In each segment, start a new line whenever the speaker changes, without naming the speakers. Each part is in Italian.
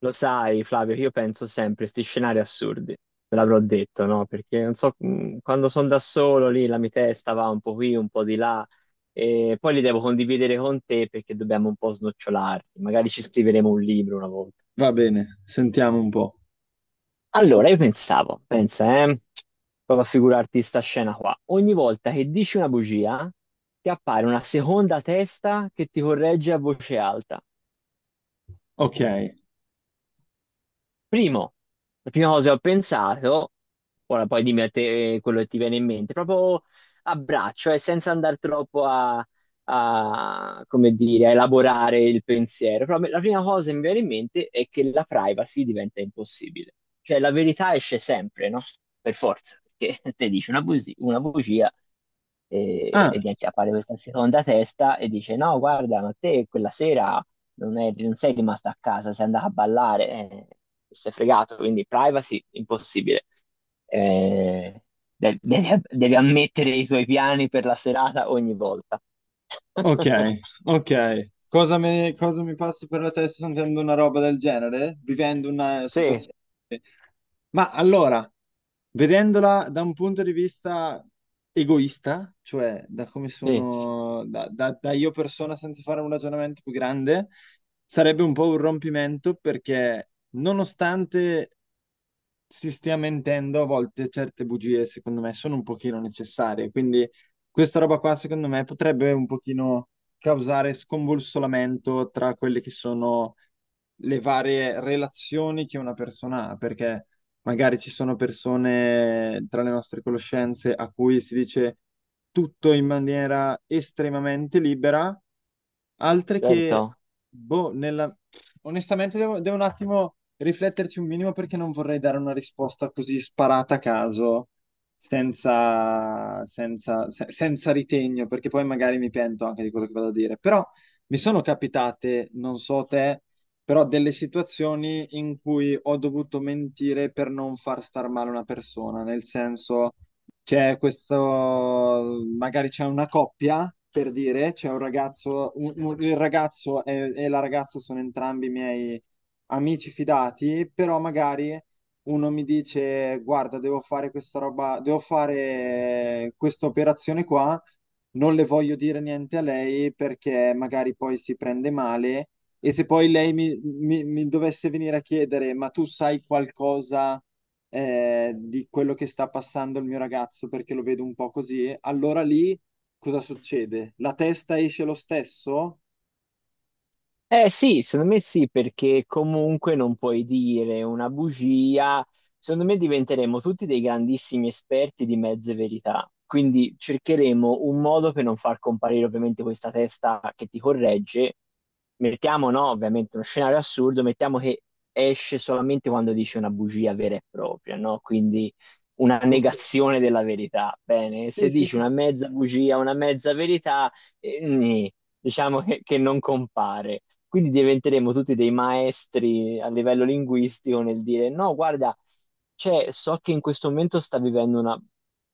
Lo sai, Flavio, che io penso sempre a questi scenari assurdi, te l'avrò detto, no? Perché non so, quando sono da solo lì la mia testa va un po' qui, un po' di là, e poi li devo condividere con te perché dobbiamo un po' snocciolarli, magari ci scriveremo un libro una volta.
Va bene, sentiamo un po'.
Allora, io pensavo, pensa, prova a figurarti sta scena qua. Ogni volta che dici una bugia, ti appare una seconda testa che ti corregge a voce alta.
Ok.
Primo, la prima cosa che ho pensato, ora poi dimmi a te quello che ti viene in mente, proprio a braccio, senza andare troppo come dire, a elaborare il pensiero. Però la prima cosa che mi viene in mente è che la privacy diventa impossibile. Cioè la verità esce sempre, no? Per forza, perché te dici una una bugia, e,
Ah,
e niente, appare questa seconda testa e dice no, guarda, ma te quella sera non sei rimasta a casa, sei andata a ballare, sei fregato, quindi privacy impossibile. Eh, devi, devi ammettere i tuoi piani per la serata ogni volta.
ok, ok. Cosa mi passa per la testa sentendo una roba del genere? Vivendo una
Sì,
situazione... Ma allora, vedendola da un punto di vista egoista, cioè da come
sì,
sono, da io persona senza fare un ragionamento più grande, sarebbe un po' un rompimento perché nonostante si stia mentendo, a volte certe bugie, secondo me, sono un pochino necessarie. Quindi questa roba qua, secondo me, potrebbe un pochino causare scombussolamento tra quelle che sono le varie relazioni che una persona ha, perché magari ci sono persone tra le nostre conoscenze a cui si dice tutto in maniera estremamente libera altre che,
certo.
boh, nella... Onestamente devo un attimo rifletterci un minimo perché non vorrei dare una risposta così sparata a caso, senza ritegno, perché poi magari mi pento anche di quello che vado a dire. Però mi sono capitate, non so te, però delle situazioni in cui ho dovuto mentire per non far star male una persona, nel senso... C'è questo, magari c'è una coppia, per dire, c'è un ragazzo, il ragazzo e la ragazza sono entrambi miei amici fidati, però magari uno mi dice, guarda, devo fare questa roba, devo fare questa operazione qua, non le voglio dire niente a lei perché magari poi si prende male e se poi lei mi dovesse venire a chiedere, ma tu sai qualcosa? Di quello che sta passando il mio ragazzo perché lo vedo un po' così, allora lì cosa succede? La testa esce lo stesso?
Eh sì, secondo me sì, perché comunque non puoi dire una bugia. Secondo me diventeremo tutti dei grandissimi esperti di mezze verità. Quindi cercheremo un modo per non far comparire ovviamente questa testa che ti corregge. Mettiamo, no, ovviamente uno scenario assurdo, mettiamo che esce solamente quando dice una bugia vera e propria, no? Quindi una negazione della verità. Bene, se dici una mezza bugia, una mezza verità, nì diciamo che non compare. Quindi diventeremo tutti dei maestri a livello linguistico nel dire no, guarda, cioè, so che in questo momento sta vivendo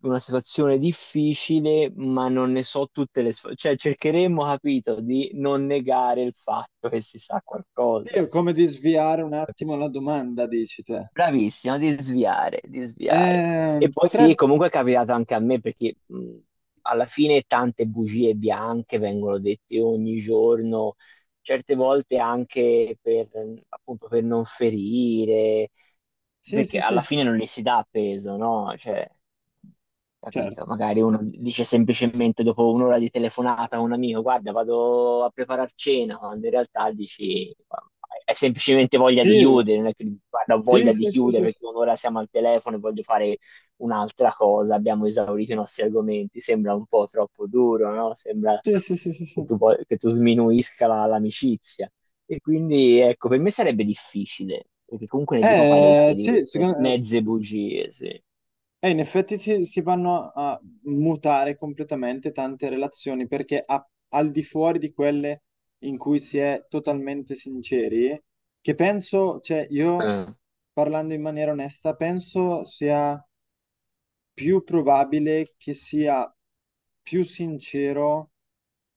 una situazione difficile, ma non ne so tutte le sf- Cioè, cercheremo, capito, di non negare il fatto che si sa qualcosa.
Sì, è come di sviare un attimo la domanda, dici te.
Bravissimo, di sviare, di sviare. E poi sì,
Potrebbe...
comunque è capitato anche a me perché alla fine tante bugie bianche vengono dette ogni giorno certe volte anche per, appunto, per non ferire,
Sì,
perché
sì, sì,
alla fine non le si dà peso, no? Cioè, capito?
certo.
Magari uno dice semplicemente dopo un'ora di telefonata a un amico, guarda, vado a preparare cena, quando in realtà dici, "Ma hai semplicemente voglia di
Sì,
chiudere, non è che dici, guarda, ho
sì,
voglia di
sì, sì, sì,
chiudere perché un'ora siamo al telefono e voglio fare un'altra cosa, abbiamo esaurito i nostri argomenti, sembra un po' troppo duro, no? Sembra
sì, sì, sì, sì, sì.
che che tu sminuisca l'amicizia. E quindi, ecco, per me sarebbe difficile, perché comunque ne dico parecchie di
Sì,
queste
secondo
mezze
me...
bugie, sì.
E in effetti si vanno a mutare completamente tante relazioni perché al di fuori di quelle in cui si è totalmente sinceri, che penso, cioè io
Eh,
parlando in maniera onesta, penso sia più probabile che sia più sincero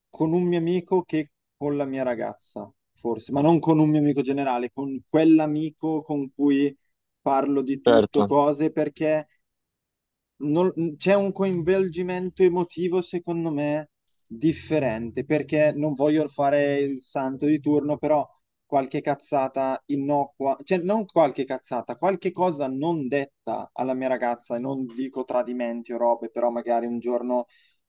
con un mio amico che con la mia ragazza, forse, ma non con un mio amico generale, con quell'amico con cui parlo di tutto,
certo.
cose perché non- c'è un coinvolgimento emotivo, secondo me, differente, perché non voglio fare il santo di turno, però qualche cazzata innocua, cioè non qualche cazzata, qualche cosa non detta alla mia ragazza, e non dico tradimenti o robe, però magari un giorno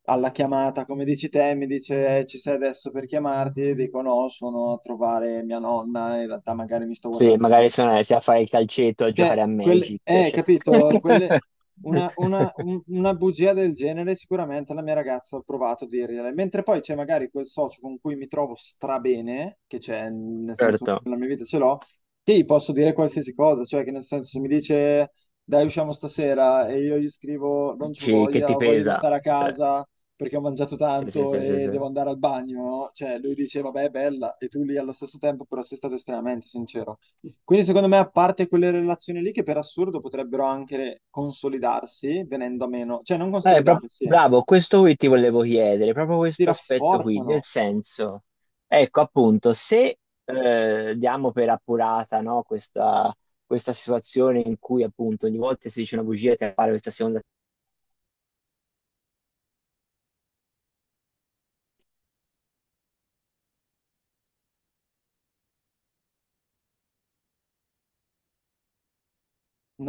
alla chiamata, come dici te, mi dice ci sei adesso per chiamarti", e dico no, sono a trovare mia nonna, in realtà magari mi sto
Sì,
guardando me.
magari sono sia a fare il calcetto a
Cioè,
giocare a
quel-
Magic, cioè.
capito? Quelle- una, una- un- una bugia del genere sicuramente la mia ragazza ha provato a dirgliela, mentre poi c'è magari quel socio con cui mi trovo strabene, che c'è, nel senso
Certo.
nella mia vita ce l'ho, che gli posso dire qualsiasi cosa, cioè che nel senso se mi dice dai usciamo stasera e io gli scrivo non ci
Dici, che
voglia,
ti
ho voglia di
pesa.
stare a
Cioè,
casa perché ho mangiato
sì, sì,
tanto
sì, sì,
e
sì.
devo andare al bagno, cioè lui dice vabbè è bella e tu lì allo stesso tempo però sei stato estremamente sincero. Quindi secondo me a parte quelle relazioni lì che per assurdo potrebbero anche consolidarsi venendo a meno, cioè non consolidarsi,
Bravo, questo qui ti volevo chiedere, proprio
si
questo aspetto qui, nel
rafforzano.
senso, ecco appunto, se diamo per appurata no, questa situazione in cui appunto ogni volta si dice una bugia e appare questa seconda.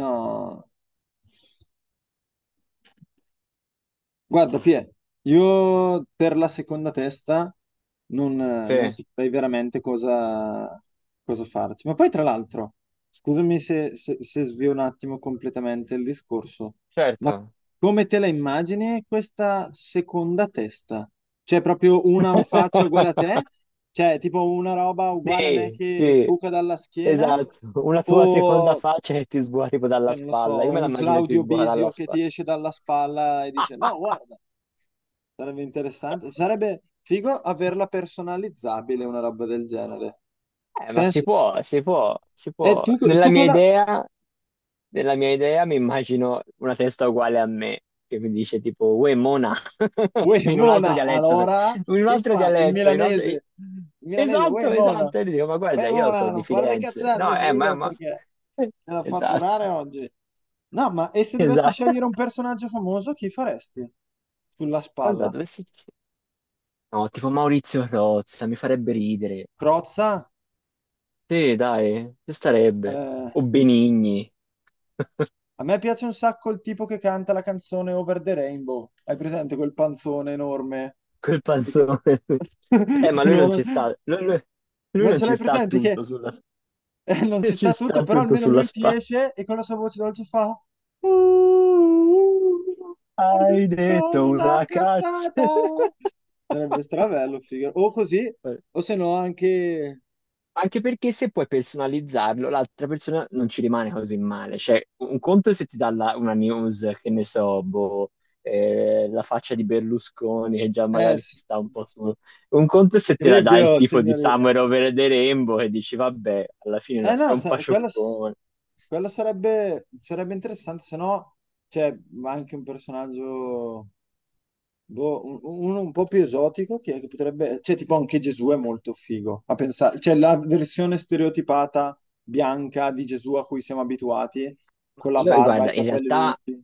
No. Guarda, Pie, io per la seconda testa non,
Sì,
non saprei veramente cosa, cosa farci. Ma poi, tra l'altro, scusami se svio un attimo completamente il discorso, ma
certo.
come te la immagini questa seconda testa? C'è proprio una faccia uguale a te? Cioè, tipo una roba uguale a me
Sì,
che
sì,
sbuca dalla schiena?
esatto, una tua seconda
O,
faccia che ti sbuca tipo dalla
cioè, non lo
spalla, io
so,
me la
un
immagino che ti
Claudio
sbuca
Bisio
dalla
che ti
spalla.
esce dalla spalla e dice: No, guarda. Sarebbe interessante. Sarebbe figo averla personalizzabile, una roba del genere.
Ma si
Penso...
può, si può, si
E
può.
tu, tu con la...
Nella mia idea mi immagino una testa uguale a me, che mi dice tipo, uè, mona,
Uè,
in un altro
Mona,
dialetto, però.
allora,
In un
che
altro
fai? In
dialetto, in un altro.
milanese. In milanese, uè,
Esatto,
Mona.
esatto. E gli dico, ma
Uè,
guarda, io sono
Mona,
di
non fare le
Firenze. No,
cazzate, figa,
mamma.
perché te la
Esatto,
fatturare oggi. No, ma e se dovessi
esatto.
scegliere un personaggio famoso, chi faresti? Sulla
Guarda,
spalla.
dove si. No, tipo Maurizio Rozza, mi farebbe ridere.
Crozza?
Sì, dai, ci starebbe.
Eh,
O Benigni,
A me piace un sacco il tipo che canta la canzone Over the Rainbow. Hai presente quel panzone enorme?
quel
Il
panzone.
che-
Ma lui non
enorme.
ci sta, lui
Non
non
ce
ci
l'hai
sta a
presente che
tutto sulla.
non ci
Ci
sta tutto,
sta
però
tutto
almeno
sulla
lui ti
spalla.
esce e con la sua voce dolce fa "Uh, uh, hai
Hai
detto
detto
una
una cazzo.
cazzata". Sarebbe strabello, figo. O così, o se no anche...
Anche perché se puoi personalizzarlo, l'altra persona non ci rimane così male. Cioè, un conto è se ti dà una news, che ne so, boh, la faccia di Berlusconi, che già magari
S-
sta un po' su. Un conto è se te la dà il
Cribbio,
tipo di
signorina.
Summer Over the Rainbow e dici, vabbè, alla
Eh
fine è
no,
un
sa- quello,
pacioccone.
quello sarebbe, sarebbe interessante, se no c'è anche un personaggio, boh, un- uno un po' più esotico, che potrebbe, cioè tipo anche Gesù è molto figo, a pensare, cioè la versione stereotipata bianca di Gesù a cui siamo abituati,
Ma
con la
io,
barba e i
guarda, in
capelli
realtà
lunghi.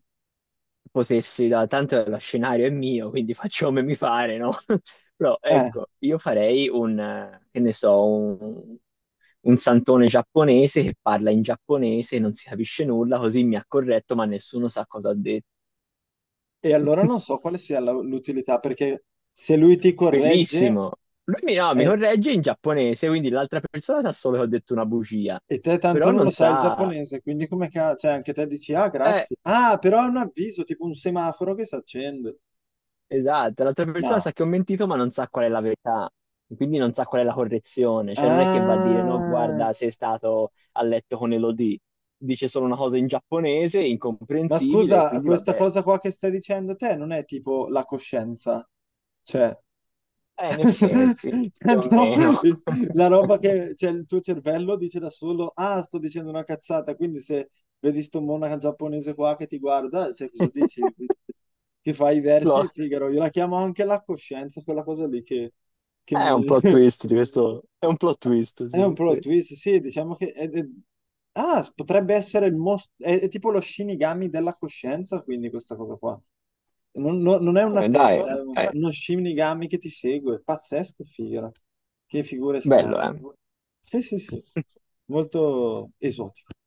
potessi, da, tanto lo scenario è mio, quindi faccio come mi pare, no? Però
Eh,
ecco, io farei un, che ne so, un santone giapponese che parla in giapponese e non si capisce nulla, così mi ha corretto, ma nessuno sa cosa ha detto.
e allora non so quale sia la- l'utilità, perché se lui ti corregge...
Bellissimo. Lui mi, no, mi
eh,
corregge in giapponese, quindi l'altra persona sa solo che ho detto una bugia,
E te tanto
però
non lo
non
sai il
sa.
giapponese, quindi come che... Cioè, anche te dici, ah,
Eh,
grazie. Ah, però è un avviso, tipo un semaforo che si accende.
esatto, l'altra persona
No.
sa che ho mentito, ma non sa qual è la verità, quindi non sa qual è la correzione, cioè non è che va a dire no,
Ah.
guarda, sei stato a letto con Elodie, dice solo una cosa in giapponese,
Ma
incomprensibile, e
scusa,
quindi
questa
vabbè,
cosa qua che stai dicendo te non è tipo la coscienza. Cioè...
in effetti, più o
No,
meno.
la roba che cioè, il tuo cervello dice da solo, ah, sto dicendo una cazzata, quindi se vedi sto monaco giapponese qua che ti guarda, cioè, cosa dici? Che fai i
Lo-
versi, Figaro, io la chiamo anche la coscienza, quella cosa lì che
È
mi,
un plot twist di questo, è un plot twist,
è un
sì,
plot
sì.
twist, sì, diciamo che... è- Ah, s- potrebbe essere il most... è tipo lo Shinigami della coscienza, quindi questa cosa qua. Non è una
Dai,
testa, è
eh,
uno Shinigami che ti segue. Pazzesco, figura. Che figure strane.
bello, eh.
Sì, sì, sì. Molto esotico.